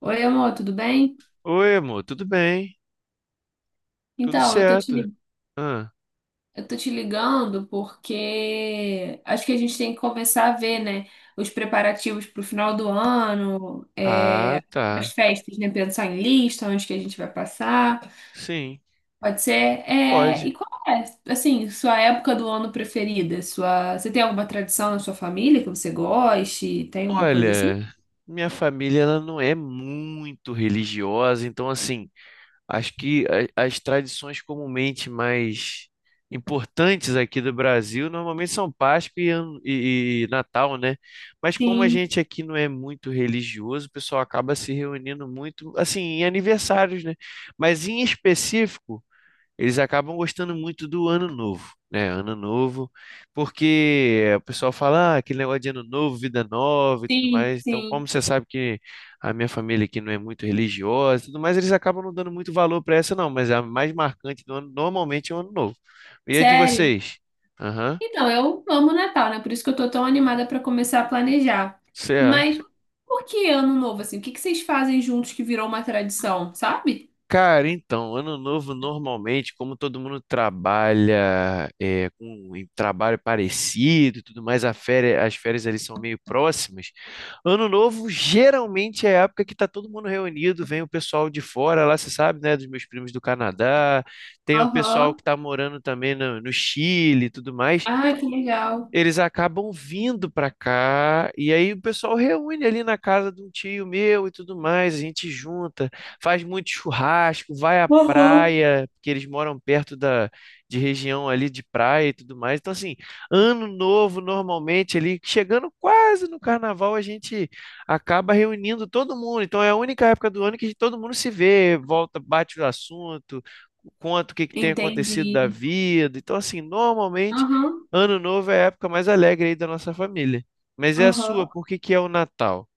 Oi, amor, tudo bem? Oi, amor, tudo bem? Tudo Então, certo? Ah, eu tô te ligando porque acho que a gente tem que começar a ver, né, os preparativos pro final do ano, tá. as festas, né, pensar em lista, onde que a gente vai passar, Sim, pode ser. É, pode. e qual é, assim, sua época do ano preferida? Sua, você tem alguma tradição na sua família que você goste? Tem alguma coisa assim? Olha, minha família ela não é muito religiosa, então assim, acho que as tradições comumente mais importantes aqui do Brasil normalmente são Páscoa e Natal, né? Mas como a Sim, gente aqui não é muito religioso, o pessoal acaba se reunindo muito, assim, em aniversários, né? Mas em específico eles acabam gostando muito do Ano Novo, né? Ano Novo, porque o pessoal fala ah, aquele negócio de Ano Novo, vida nova e tudo sim, mais. Então, sim. como você sabe que a minha família aqui não é muito religiosa e tudo mais, eles acabam não dando muito valor para essa, não. Mas a mais marcante do ano normalmente é o Ano Novo. E a de Sério? vocês? Aham. Então, eu amo Natal, né? Por isso que eu tô tão animada pra começar a planejar. Cê- Mas por que ano novo, assim? O que que vocês fazem juntos que virou uma tradição, sabe? Cara, então, ano novo normalmente, como todo mundo trabalha é, com um trabalho parecido e tudo mais, as férias ali são meio próximas. Ano novo geralmente é a época que tá todo mundo reunido, vem o pessoal de fora lá, você sabe, né, dos meus primos do Canadá, tem o pessoal Aham. que tá morando também no Chile e tudo mais, Ah, que legal. eles acabam vindo para cá e aí o pessoal reúne ali na casa de um tio meu e tudo mais, a gente junta, faz muito churrasco, vai à Aham. praia, porque eles moram perto da de região ali de praia e tudo mais. Então assim, ano novo normalmente ali chegando quase no carnaval a gente acaba reunindo todo mundo. Então é a única época do ano que todo mundo se vê, volta, bate o assunto, conta o que que tem acontecido da Entendi. vida. Então assim, normalmente Aham. Ano Novo é a época mais alegre aí da nossa família. Mas é a sua, Aham. por que que é o Natal?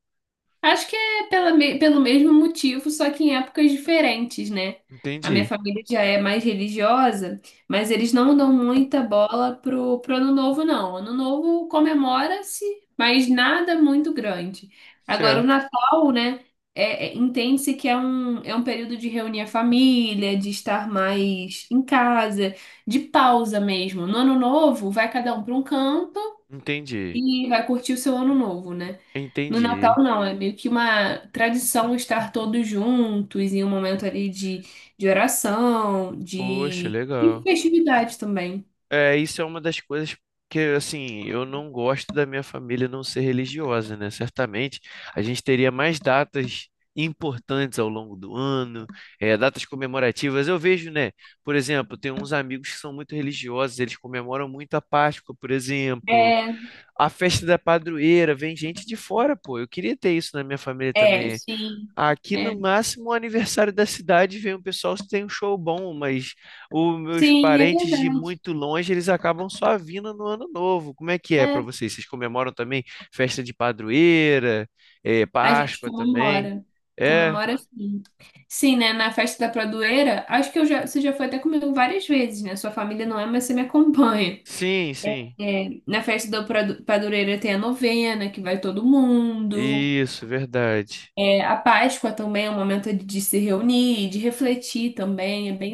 Acho que é pelo mesmo motivo, só que em épocas diferentes, né? A minha Entendi. família já é mais religiosa, mas eles não dão muita bola pro Ano Novo, não. Ano Novo comemora-se, mas nada muito grande. Agora, o Certo. Natal, né? Entende-se que é é um período de reunir a família, de estar mais em casa, de pausa mesmo. No Ano Novo, vai cada um para um canto Entendi. e vai curtir o seu ano novo, né? No Natal, Entendi. não, é meio que uma tradição estar todos juntos em um momento ali de oração, Poxa, de legal. festividade também. É, isso é uma das coisas que, assim, eu não gosto da minha família não ser religiosa, né? Certamente a gente teria mais datas importantes ao longo do ano, é, datas comemorativas. Eu vejo, né? Por exemplo, tem uns amigos que são muito religiosos, eles comemoram muito a Páscoa, por exemplo. É, A festa da padroeira, vem gente de fora, pô. Eu queria ter isso na minha família é, também. sim. Aqui É. no máximo o aniversário da cidade vem um pessoal que tem um show bom, mas os meus Sim, é parentes de verdade. muito longe, eles acabam só vindo no ano novo. Como é que é É, pra vocês? Vocês comemoram também festa de padroeira, a gente Páscoa também? comemora. É, Comemora sim. Sim, né? Na festa da Pradoeira, acho que você já foi até comigo várias vezes, né? Sua família não é, mas você me acompanha. sim, sim. É, na festa da Pradoeira tem a novena, que vai todo mundo. Isso, verdade. É, a Páscoa também é um momento de se reunir, de refletir também, é bem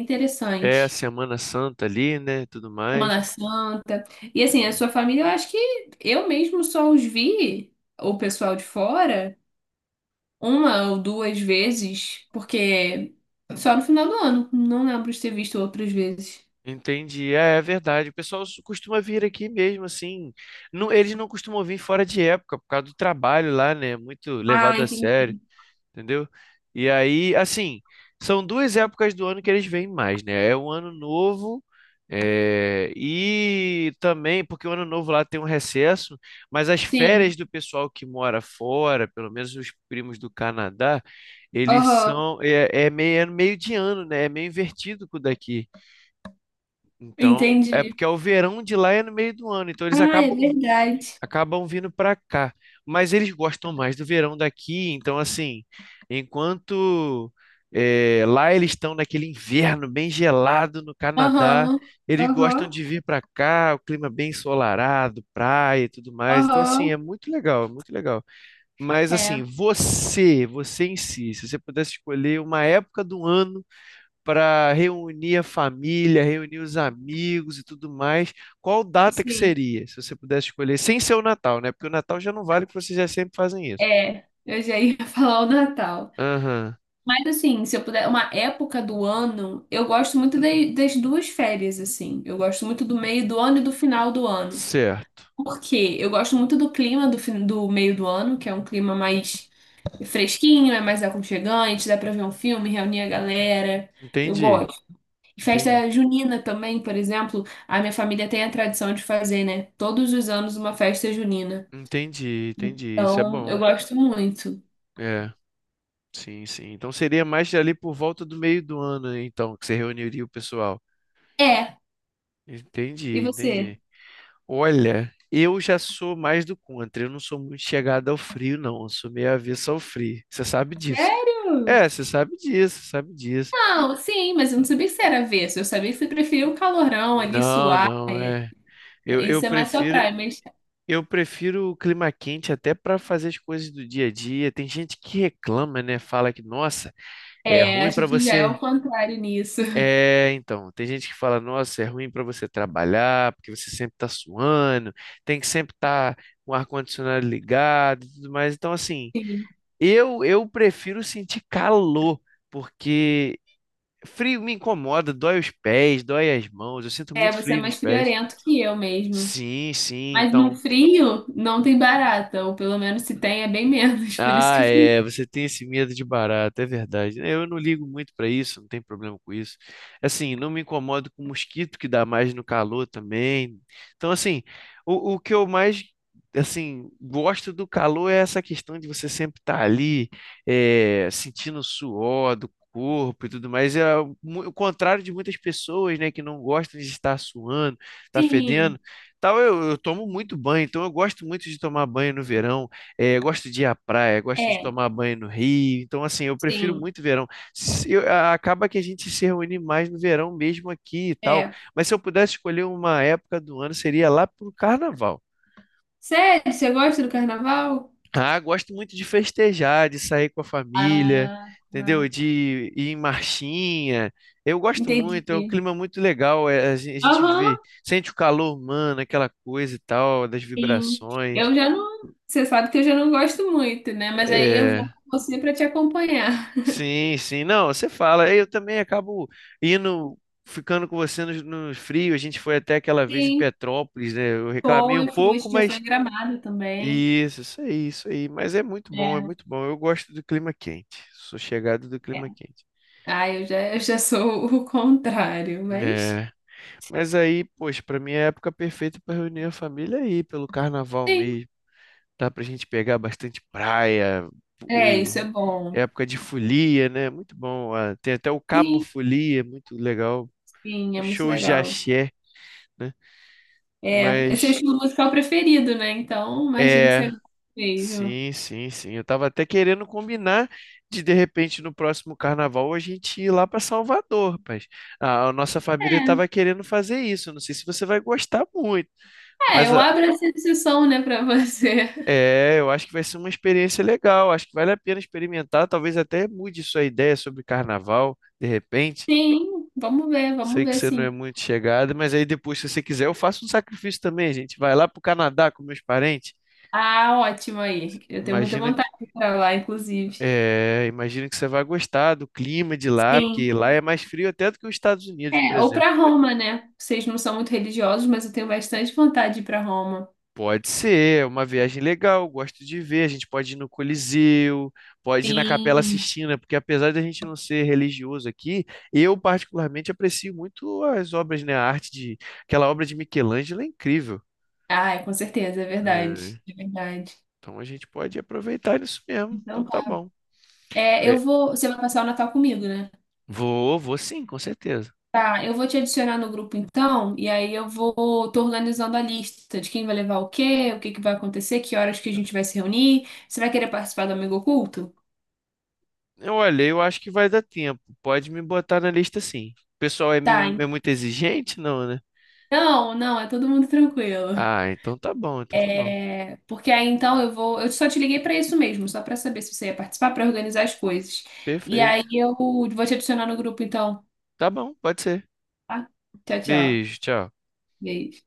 É a interessante. Semana Santa ali, né? Tudo mais. Semana Santa. E assim, a sua família, eu acho que eu mesmo só os vi, o pessoal de fora, uma ou duas vezes, porque só no final do ano. Não lembro de ter visto outras vezes. Entendi, é, é verdade. O costuma vir aqui mesmo, assim. Não, eles não costumam vir fora de época, por causa do trabalho lá, né? Muito Ah, levado a entendi. sério, entendeu? E aí, assim, são duas épocas do ano que eles vêm mais, né? É o ano novo, é, e também, porque o ano novo lá tem um recesso, mas as férias Sim. do pessoal que mora fora, pelo menos os primos do Canadá, eles Aham. são, é, é meio de ano, né? É meio invertido com o daqui. Então, é Entendi. porque é o verão de lá é no meio do ano, então eles Ah, é verdade. acabam vindo para cá. Mas eles gostam mais do verão daqui, então assim, enquanto lá eles estão naquele inverno bem gelado no Canadá, Aham. eles gostam Aham. de vir para cá, o clima bem ensolarado, praia e tudo mais. Então assim, Aham. é muito legal, é muito legal. Mas É, assim, você em si, se você pudesse escolher uma época do ano para reunir a família, reunir os amigos e tudo mais, qual data que sim. seria, se você pudesse escolher, sem ser o Natal, né? Porque o Natal já não vale, porque vocês já sempre fazem isso. É. Eu já ia falar o Natal. Aham, Mas assim, se eu puder, uma época do ano, eu gosto muito das duas férias, assim. Eu gosto muito do meio do ano e do final do ano. certo. Por quê? Eu gosto muito do clima do meio do ano, que é um clima mais fresquinho, é mais aconchegante, dá pra ver um filme, reunir a galera. Eu Entendi, gosto. E entendi. festa junina também, por exemplo, a minha família tem a tradição de fazer, né? Todos os anos uma festa junina. Entendi, entendi. Isso é Então, eu bom. gosto muito. É, sim, sim. Então seria mais ali por volta do meio do ano, então, que você reuniria o pessoal. É. E Entendi, você? entendi. Olha, eu já sou mais do contra. Eu não sou muito chegado ao frio, não. Eu sou meio avesso ao frio. Você sabe disso, né? Sério? É, você sabe disso, você sabe disso. Não, sim, mas eu não sabia que você era avesso. Eu sabia que você preferia o calorão ali, Não, suar. não, é. Eu, eu Isso é mais sua prefiro, praia, mas eu prefiro o clima quente até para fazer as coisas do dia a dia. Tem gente que reclama, né? Fala que, nossa, é é, a ruim para gente já é você. o contrário nisso. É, então, tem gente que fala, nossa, é ruim para você trabalhar, porque você sempre tá suando, tem que sempre estar com o ar-condicionado ligado e tudo mais. Então, assim. Sim. Eu prefiro sentir calor, porque frio me incomoda, dói os pés, dói as mãos, eu sinto É, muito você é frio nos mais pés. friorento que eu mesmo. Sim, sim, Mas no então. frio não tem barata, ou pelo menos se tem é bem menos, por isso que Ah, eu fico. é, você tem esse medo de barato, é verdade, né? Eu não ligo muito pra isso, não tem problema com isso. Assim, não me incomodo com mosquito que dá mais no calor também. Então, assim, o que eu mais assim gosto do calor é essa questão de você sempre estar ali, é, sentindo o suor do corpo e tudo mais. É o contrário de muitas pessoas, né, que não gostam de estar suando, estar fedendo. Sim, Tal, eu tomo muito banho, então eu gosto muito de tomar banho no verão. É, gosto de ir à praia, gosto de é, tomar banho no Rio. Então, assim, eu prefiro sim, muito verão. Se eu- a- acaba que a gente se reúne mais no verão mesmo aqui e tal. é. Mas se eu pudesse escolher uma época do ano, seria lá pro carnaval. Sério, você gosta do carnaval? Ah, gosto muito de festejar, de sair com a família, Ah, entendeu? De ir em marchinha. Eu gosto muito, é um entendi. clima muito legal. É, a gente Aham, vê, sente o calor humano, aquela coisa e tal, das sim. vibrações. Eu já não. Você sabe que eu já não gosto muito, né? Mas aí eu vou É, com você para te acompanhar. sim, sim. Não, você fala. Eu também acabo indo, ficando com você nos no frio. A gente foi até aquela vez em Sim, Petrópolis, né? Eu reclamei um foi, pouco, já foi mas em Gramado também. isso aí, isso aí. Mas é muito bom, é É. muito bom. Eu gosto do clima quente. Sou chegado do É. clima quente. Ah, eu já sou o contrário, mas É. Mas aí, poxa, para mim é a época perfeita para reunir a família aí, pelo carnaval sim, mesmo. Dá pra gente pegar bastante praia, é, e isso é bom. época de folia, né? Muito bom. Ah, tem até o Cabo Sim, Folia, muito legal. sim, é muito Shows de legal. axé, né? É, esse é o Mas estilo musical preferido, né? Então, imagino que é, você goste mesmo. sim, sim, sim. Eu tava até querendo combinar de repente no próximo carnaval a gente ir lá para Salvador, rapaz. A nossa família É, tava querendo fazer isso. Não sei se você vai gostar muito, é, mas eu abro essa exceção, né, pra você. é, eu acho que vai ser uma experiência legal. Acho que vale a pena experimentar. Talvez até mude sua ideia sobre carnaval, de repente. Sim, vamos Sei que ver, você não sim. é muito chegada, mas aí depois, se você quiser, eu faço um sacrifício também, gente. Vai lá pro Canadá com meus parentes. Ah, ótimo aí. Eu tenho muita Imagina vontade de ir pra lá, inclusive. É, imagino que você vai gostar do clima de lá, Sim. porque lá é mais frio até do que os Estados Unidos, por É, ou exemplo. pra Roma, né? Vocês não são muito religiosos, mas eu tenho bastante vontade de ir pra Roma. Pode ser, é uma viagem legal, gosto de ver. A gente pode ir no Coliseu, pode ir na Capela Sim. Sistina, porque apesar de a gente não ser religioso aqui, eu particularmente aprecio muito as obras, né? A arte de aquela obra de Michelangelo é incrível. Ah, com certeza, é verdade. É, É verdade. então a gente pode aproveitar isso mesmo. Então Então tá tá. bom. É, eu É, vou. Você vai passar o Natal comigo, né? vou, vou sim, com certeza. Tá, eu vou te adicionar no grupo então, e aí eu vou. Tô organizando a lista de quem vai levar o quê, o que que vai acontecer, que horas que a gente vai se reunir. Você vai querer participar do Amigo Oculto? Eu olhei, eu acho que vai dar tempo. Pode me botar na lista sim. O pessoal é, Tá, meio, é muito exigente, não, né? então, não, é todo mundo tranquilo. Ah, então tá bom, então tá bom. É, porque aí então eu vou. Eu só te liguei para isso mesmo, só para saber se você ia participar, para organizar as coisas. E aí Perfeito. eu vou te adicionar no grupo, então. Tá bom, pode ser. Tá? Tchau, tchau. Beijo, tchau. Beijo.